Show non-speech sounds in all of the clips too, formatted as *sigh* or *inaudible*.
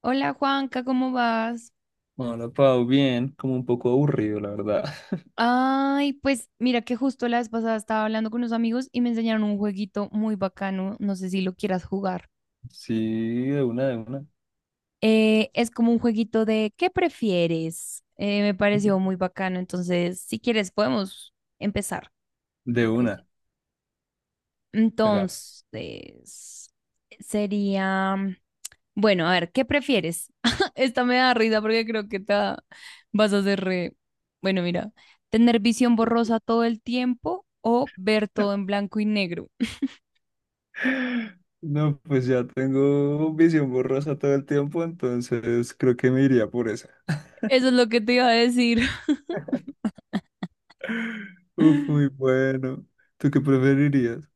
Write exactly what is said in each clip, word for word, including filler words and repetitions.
Hola, Juanca, ¿cómo vas? Hola, Pau, bien, como un poco aburrido, la verdad. Ay, pues mira que justo la vez pasada estaba hablando con unos amigos y me enseñaron un jueguito muy bacano, no sé si lo quieras jugar. *laughs* Sí, de una, de una, Eh, es como un jueguito de ¿qué prefieres? Eh, me pareció muy bacano, entonces si quieres podemos empezar, ¿te de parece? una, acá. Entonces, sería, Bueno, a ver, ¿qué prefieres? *laughs* Esta me da risa porque creo que te va- vas a hacer re... Bueno, mira, ¿tener visión borrosa todo el tiempo o ver todo en blanco y negro? *laughs* No, pues ya tengo visión borrosa todo el tiempo, entonces creo que me iría por esa. Eso es lo que te iba a decir. Uf, *laughs* muy bueno. ¿Tú qué preferirías?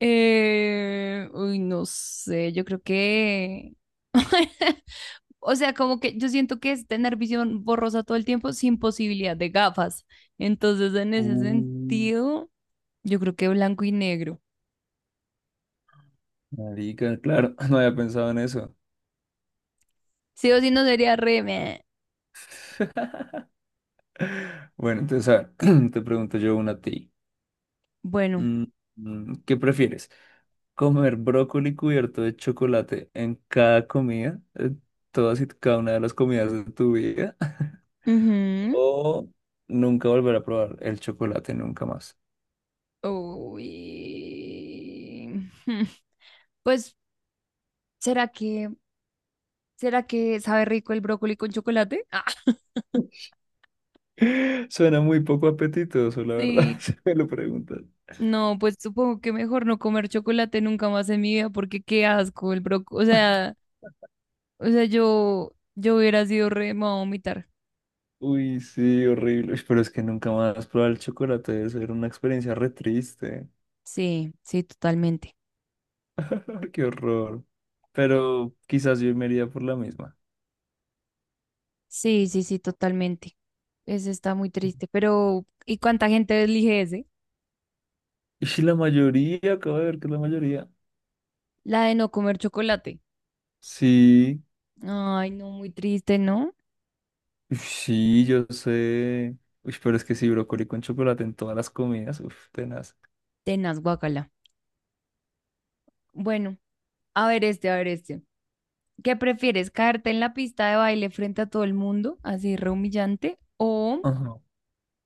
Eh, uy, no sé, yo creo que... *laughs* O sea, como que yo siento que es tener visión borrosa todo el tiempo sin posibilidad de gafas. Entonces, en ese Uh, sentido, yo creo que blanco y negro. marica, claro, *laughs* no había pensado en eso. Sí o sí no sería re... meh. *laughs* Bueno, entonces, a ver, *clears throat* te pregunto yo una a ti. Bueno. Mm, mm, ¿Qué prefieres? Comer brócoli cubierto de chocolate en cada comida, en todas y cada una de las comidas de tu vida, *laughs* Ujú. o nunca volver a probar el chocolate nunca más. Uy. *laughs* Hmm. Pues, ¿será que, ¿será que sabe rico el brócoli con chocolate? *laughs* Ah, *laughs* Suena muy poco apetitoso, la verdad, *laughs* sí. si me lo preguntas. No, pues supongo que mejor no comer chocolate nunca más en mi vida, porque qué asco el brócoli. O sea, o sea, yo, yo hubiera sido re, me voy a vomitar. Uy, sí, horrible. Uy, pero es que nunca más probar el chocolate debe ser una experiencia re triste. Sí, sí, totalmente. *laughs* Qué horror. Pero quizás yo me iría por la misma. Sí, sí, sí, totalmente. Ese está muy triste, pero ¿y cuánta gente elige ese? Y si la mayoría, acabo de ver que es la mayoría. La de no comer chocolate. Sí. Ay, no, muy triste, ¿no? Uf, sí, yo sé. Uy, pero es que sí, brócoli con chocolate en todas las comidas. Uf, tenaz. Tenaz, guacala. Bueno, a ver este, a ver este. ¿Qué prefieres, caerte en la pista de baile frente a todo el mundo, así re humillante, o Ajá.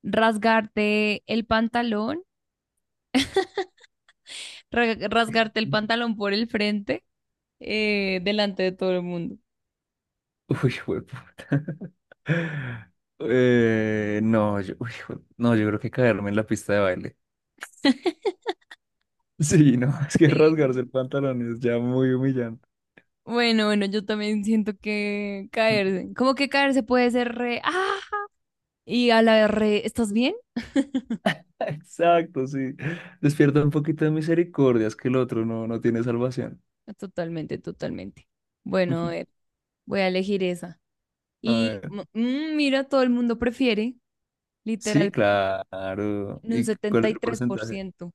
rasgarte el pantalón, *laughs* ra- rasgarte el pantalón por el frente, eh, delante de todo el mundo? Uy, jueputa. *laughs* Eh, no, yo, uy, jue- no, yo creo que caerme en la pista de baile. *laughs* Sí, no, *laughs* es que rasgarse el Sí. pantalón es ya muy humillante. Bueno, bueno, yo también siento que *laughs* caerse, como que caerse puede ser re, ah, y a la re, ¿estás bien? Exacto, sí. Despierta un poquito de misericordia, es que el otro no, no tiene salvación. Totalmente, totalmente. Bueno, a ver, *laughs* voy a elegir esa. A Y ver. mm, mm, mira, todo el mundo prefiere, Sí, literal, claro. en un ¿Y cuál setenta es y el tres por porcentaje? ciento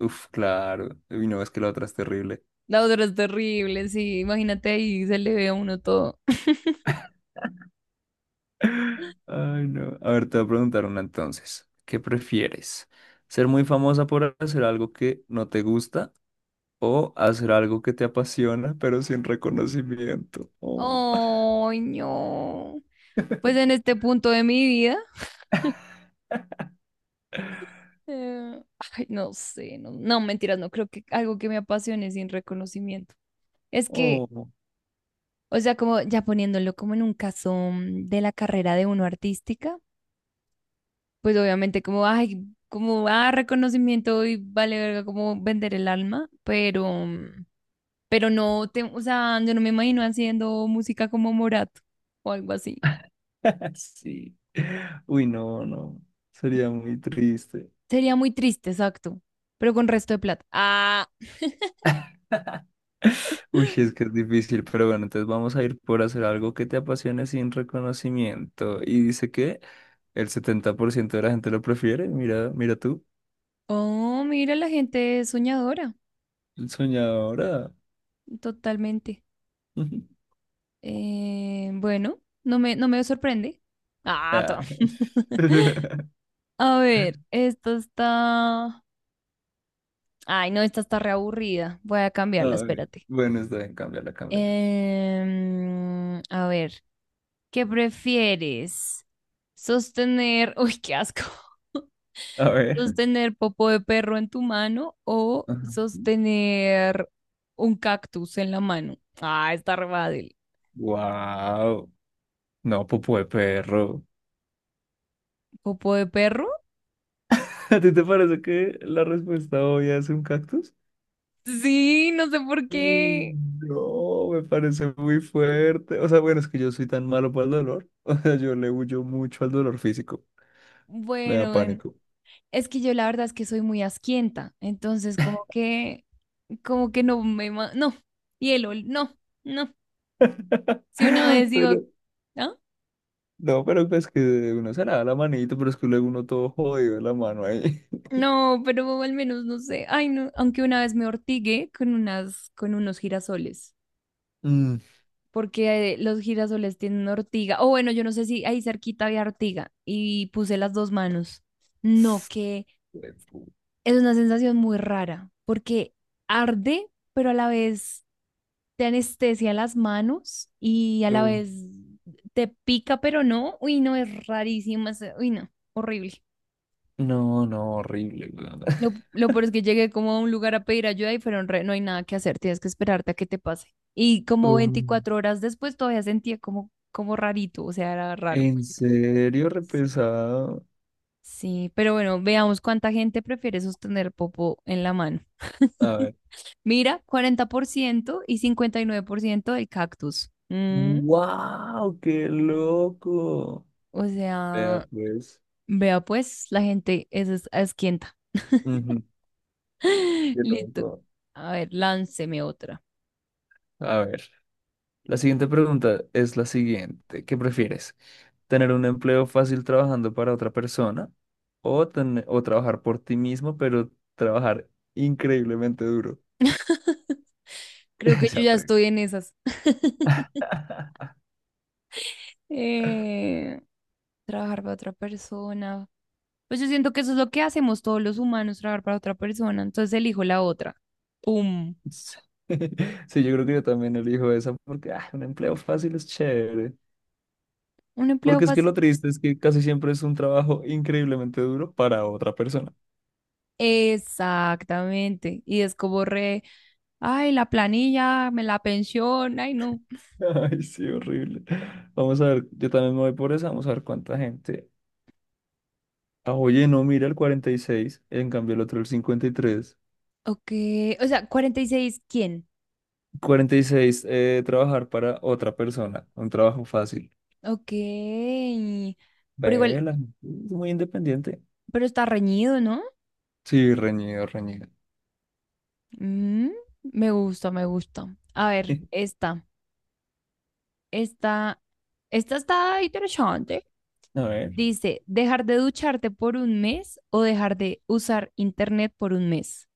Uf, claro. Uy, no, es que la otra es terrible. La otra es terrible, sí, imagínate ahí, se le ve a uno todo. Ay, no. A ver, te voy a preguntar una entonces. ¿Qué prefieres? ¿Ser muy famosa por hacer algo que no te gusta o hacer algo que te apasiona pero sin reconocimiento? Oh, ¡Ay, no! Pues en *laughs* este punto de mi vida, eh, ay, no sé, no, no, mentiras, no creo que algo que me apasione sin reconocimiento. Es que, oh, o sea, como ya poniéndolo como en un caso mm, de la carrera de uno artística, pues obviamente como, ay, como, ah, reconocimiento y vale verga como vender el alma, pero, mm, pero no, te, o sea, yo no me imagino haciendo música como Morato o algo así. *laughs* sí. Uy, no, no. Sería muy triste. Sería muy triste, exacto, pero con resto de plata. Ah, Uy, es que es difícil, pero bueno, entonces vamos a ir por hacer algo que te apasione sin reconocimiento. Y dice que el setenta por ciento de la gente lo prefiere. Mira, mira tú, oh, mira, la gente es soñadora, soñadora. totalmente. *laughs* Eh, bueno, no me, no me sorprende. Ah, Ah. to- *laughs* *laughs* A ver, esta está... Ay, no, esta está reaburrida. Voy a cambiarla, Ay, espérate. bueno, está bien, cámbiala, cámbiala. Em, a ver, ¿qué prefieres? Sostener, *laughs* uy, qué asco. *laughs* A ver. ¿Sostener popo de perro en tu mano o sostener un cactus en la mano? Ah, está re fácil. Wow. No, popó de perro. ¿Popo de perro? *laughs* ¿A ti te parece que la respuesta obvia es un cactus? Sí, no sé por Uy, qué. no, me parece muy fuerte. O sea, bueno, es que yo soy tan malo para el dolor. *laughs* O sea, yo le huyo mucho al dolor físico. Me da Bueno, bueno. pánico. Es que yo la verdad es que soy muy asquienta, entonces como que, como que no me, ma- no, hielo, no, no. *laughs* Si una vez digo, Pero, ¿ah? no, pero pues que uno se lava la manito, pero es que luego uno todo jodido de la mano ahí. *laughs* No, pero al menos no sé. Ay, no, aunque una vez me ortigué con unas, con unos girasoles, Mm. porque eh, los girasoles tienen ortiga. O bueno, yo no sé si ahí cerquita había ortiga y puse las dos manos. No, que *sniffs* es una sensación muy rara, porque arde, pero a la vez te anestesia las manos y a la Uh, vez te pica, pero no. Uy, no, es rarísimo. es- Uy, no, horrible. no, no, horrible, weón. Lo, lo peor es que llegué como a un lugar a pedir ayuda y fueron re, no hay nada que hacer, tienes que esperarte a que te pase. Y *laughs* como uh, veinticuatro horas después todavía sentía como, como rarito, o sea, era raro. ¿En serio repesado? Sí, pero bueno, veamos cuánta gente prefiere sostener popo en la mano. *laughs* A ver. Mira, cuarenta por ciento y cincuenta y nueve por ciento del cactus. Mm, ¡Wow! ¡Qué loco! O Vea, sea, pues. vea pues, la gente es, es asquienta. Ujú, *laughs* ¡qué Listo. loco! A ver, lánceme otra. A ver. La siguiente pregunta es la siguiente. ¿Qué prefieres? ¿Tener un empleo fácil trabajando para otra persona o, ten- o trabajar por ti mismo, pero trabajar increíblemente duro? Creo *laughs* que yo Esa ya estoy en esas. *laughs* pregunta. Eh, Trabajar para otra persona. Pues yo siento que eso es lo que hacemos todos los humanos, trabajar para otra persona. Entonces elijo la otra. ¡Pum! Sí, *laughs* sí, yo creo que yo también elijo esa porque ah, un empleo fácil es chévere. Un empleo Porque es que fácil. lo triste es que casi siempre es un trabajo increíblemente duro para otra persona. Exactamente. Y es como re, ay, la planilla, me la pensión, ay, no. *laughs* Ay, sí, horrible. Vamos a ver, yo también me voy por esa, vamos a ver cuánta gente. Ah, oye, no, mira el cuarenta y seis, en cambio el otro el cincuenta y tres. Ok, o sea, cuarenta y seis, ¿quién? Cuarenta y seis, eh, trabajar para otra persona, un trabajo fácil. Ok, pero igual, Vela, es muy independiente. pero está reñido, ¿no? Sí, reñido, reñido. Mm, me gusta, me gusta. A ver, *laughs* esta, esta, esta está interesante. A ver. Dice, dejar de ducharte por un mes o dejar de usar internet por un mes.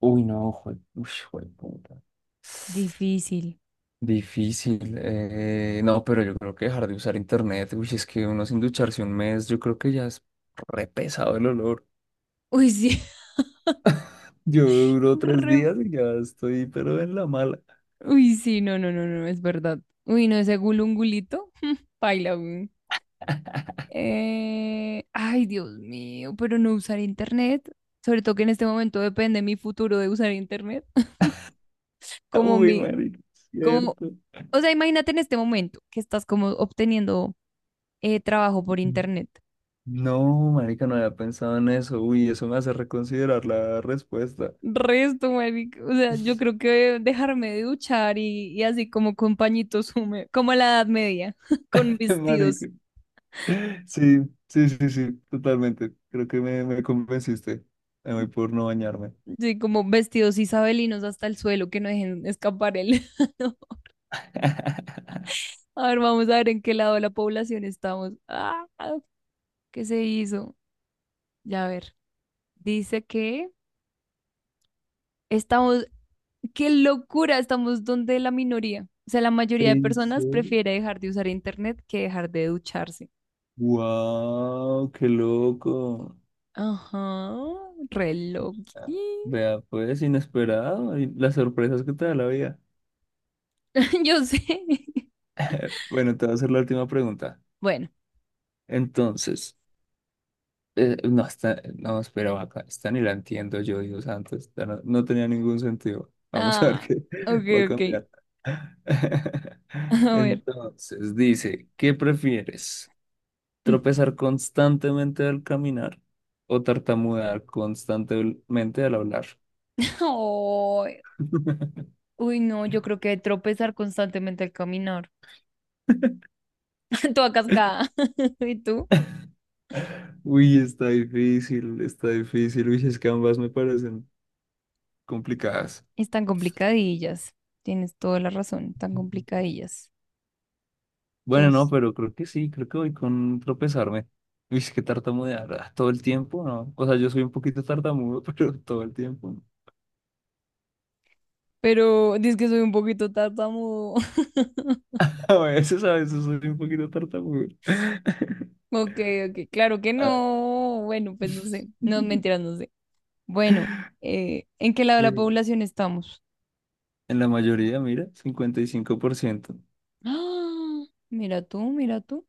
Uy, no, jue, uy, jueputa. Difícil. Difícil. eh, no, pero yo creo que dejar de usar internet, uy, es que uno sin ducharse un mes, yo creo que ya es re pesado el olor. Uy, sí. Yo duro *laughs* tres re- días y ya estoy, pero en la mala. Uy, sí, no, no, no, no, es verdad. Uy, no, ese gulungulito. *laughs* Paila, güey. Eh, ay, Dios mío, pero no usar internet. Sobre todo que en este momento depende mi futuro de usar internet. *laughs* *laughs* Como Uy, mi, marica, es como, cierto. o sea, imagínate en este momento que estás como obteniendo eh, trabajo por internet. No, marica, no había pensado en eso. Uy, eso me hace reconsiderar la respuesta. Resto, marica. O sea, yo creo que dejarme de duchar y, y así como con pañitos húmedos, como a la Edad Media, *laughs* con *laughs* vestidos, Marica. Sí, sí, sí, sí, totalmente. Creo que me, me convenciste. Me voy por no bañarme. sí, como vestidos isabelinos hasta el suelo, que no dejen escapar el... *laughs* *laughs* A ver, vamos a ver en qué lado de la población estamos. Ah, ¿qué se hizo? Ya a ver. Dice que estamos, qué locura, estamos donde la minoría. O sea, la mayoría de En personas serio. prefiere dejar de usar internet que dejar de ducharse. Wow, qué loco. Ajá, reloj. Ah, vea, pues inesperado y las sorpresas que te da la vida. *laughs* Yo sé. *laughs* *laughs* Bueno, te voy a hacer la última pregunta. Bueno. Entonces, eh, no, está, no, espera, vaca, esta ni la entiendo yo, Dios santo, esta no, no tenía ningún sentido. Vamos a ver Ah, qué *laughs* ok, va a ok. cambiar. *laughs* *laughs* A ver. Entonces, dice, ¿qué prefieres? *laughs* ¿Tropezar constantemente al caminar o tartamudear constantemente al hablar? Ay, *laughs* uy, no, yo creo que tropezar constantemente al caminar. *laughs* Toda cascada. *laughs* ¿Y tú? Uy, está difícil, está difícil. Uy, es que ambas me parecen complicadas. Están complicadillas. Tienes toda la razón, tan complicadillas. Yo Bueno, no, s- pero creo que sí, creo que voy con tropezarme. Uy, es que tartamudear ah, todo el tiempo, ¿no? O sea, yo soy un poquito tartamudo, *laughs* pero todo el tiempo. No. Pero dices que soy un poquito tartamudo. *laughs* A veces, a veces soy un poquito tartamudo. *laughs* Ok, ok, claro que Ah. no. Bueno, pues no sé. No, *laughs* mentiras, no sé. Bueno, eh, ¿en qué lado de la población estamos? En la mayoría, mira, cincuenta y cinco por ciento. *gasps* ¡Ah! Mira tú, mira tú.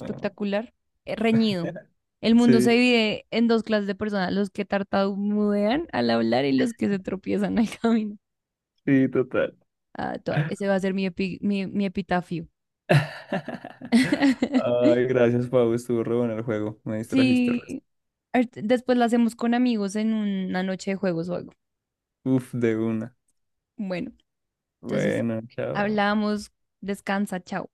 Ah. eh, reñido. *laughs* El mundo se Sí, divide en dos clases de personas, los que tartamudean al hablar y los que se tropiezan al *laughs* camino. sí, total. Ah, toda- ese va a ser mi, epi- mi, mi epitafio. *laughs* *laughs* Ay, gracias, Pau. Estuvo re bueno el juego. Me distrajiste. Re- Sí, art- después la hacemos con amigos en una noche de juegos o algo. Uf, de una. Bueno, entonces Bueno, chao. hablamos, descansa, chao.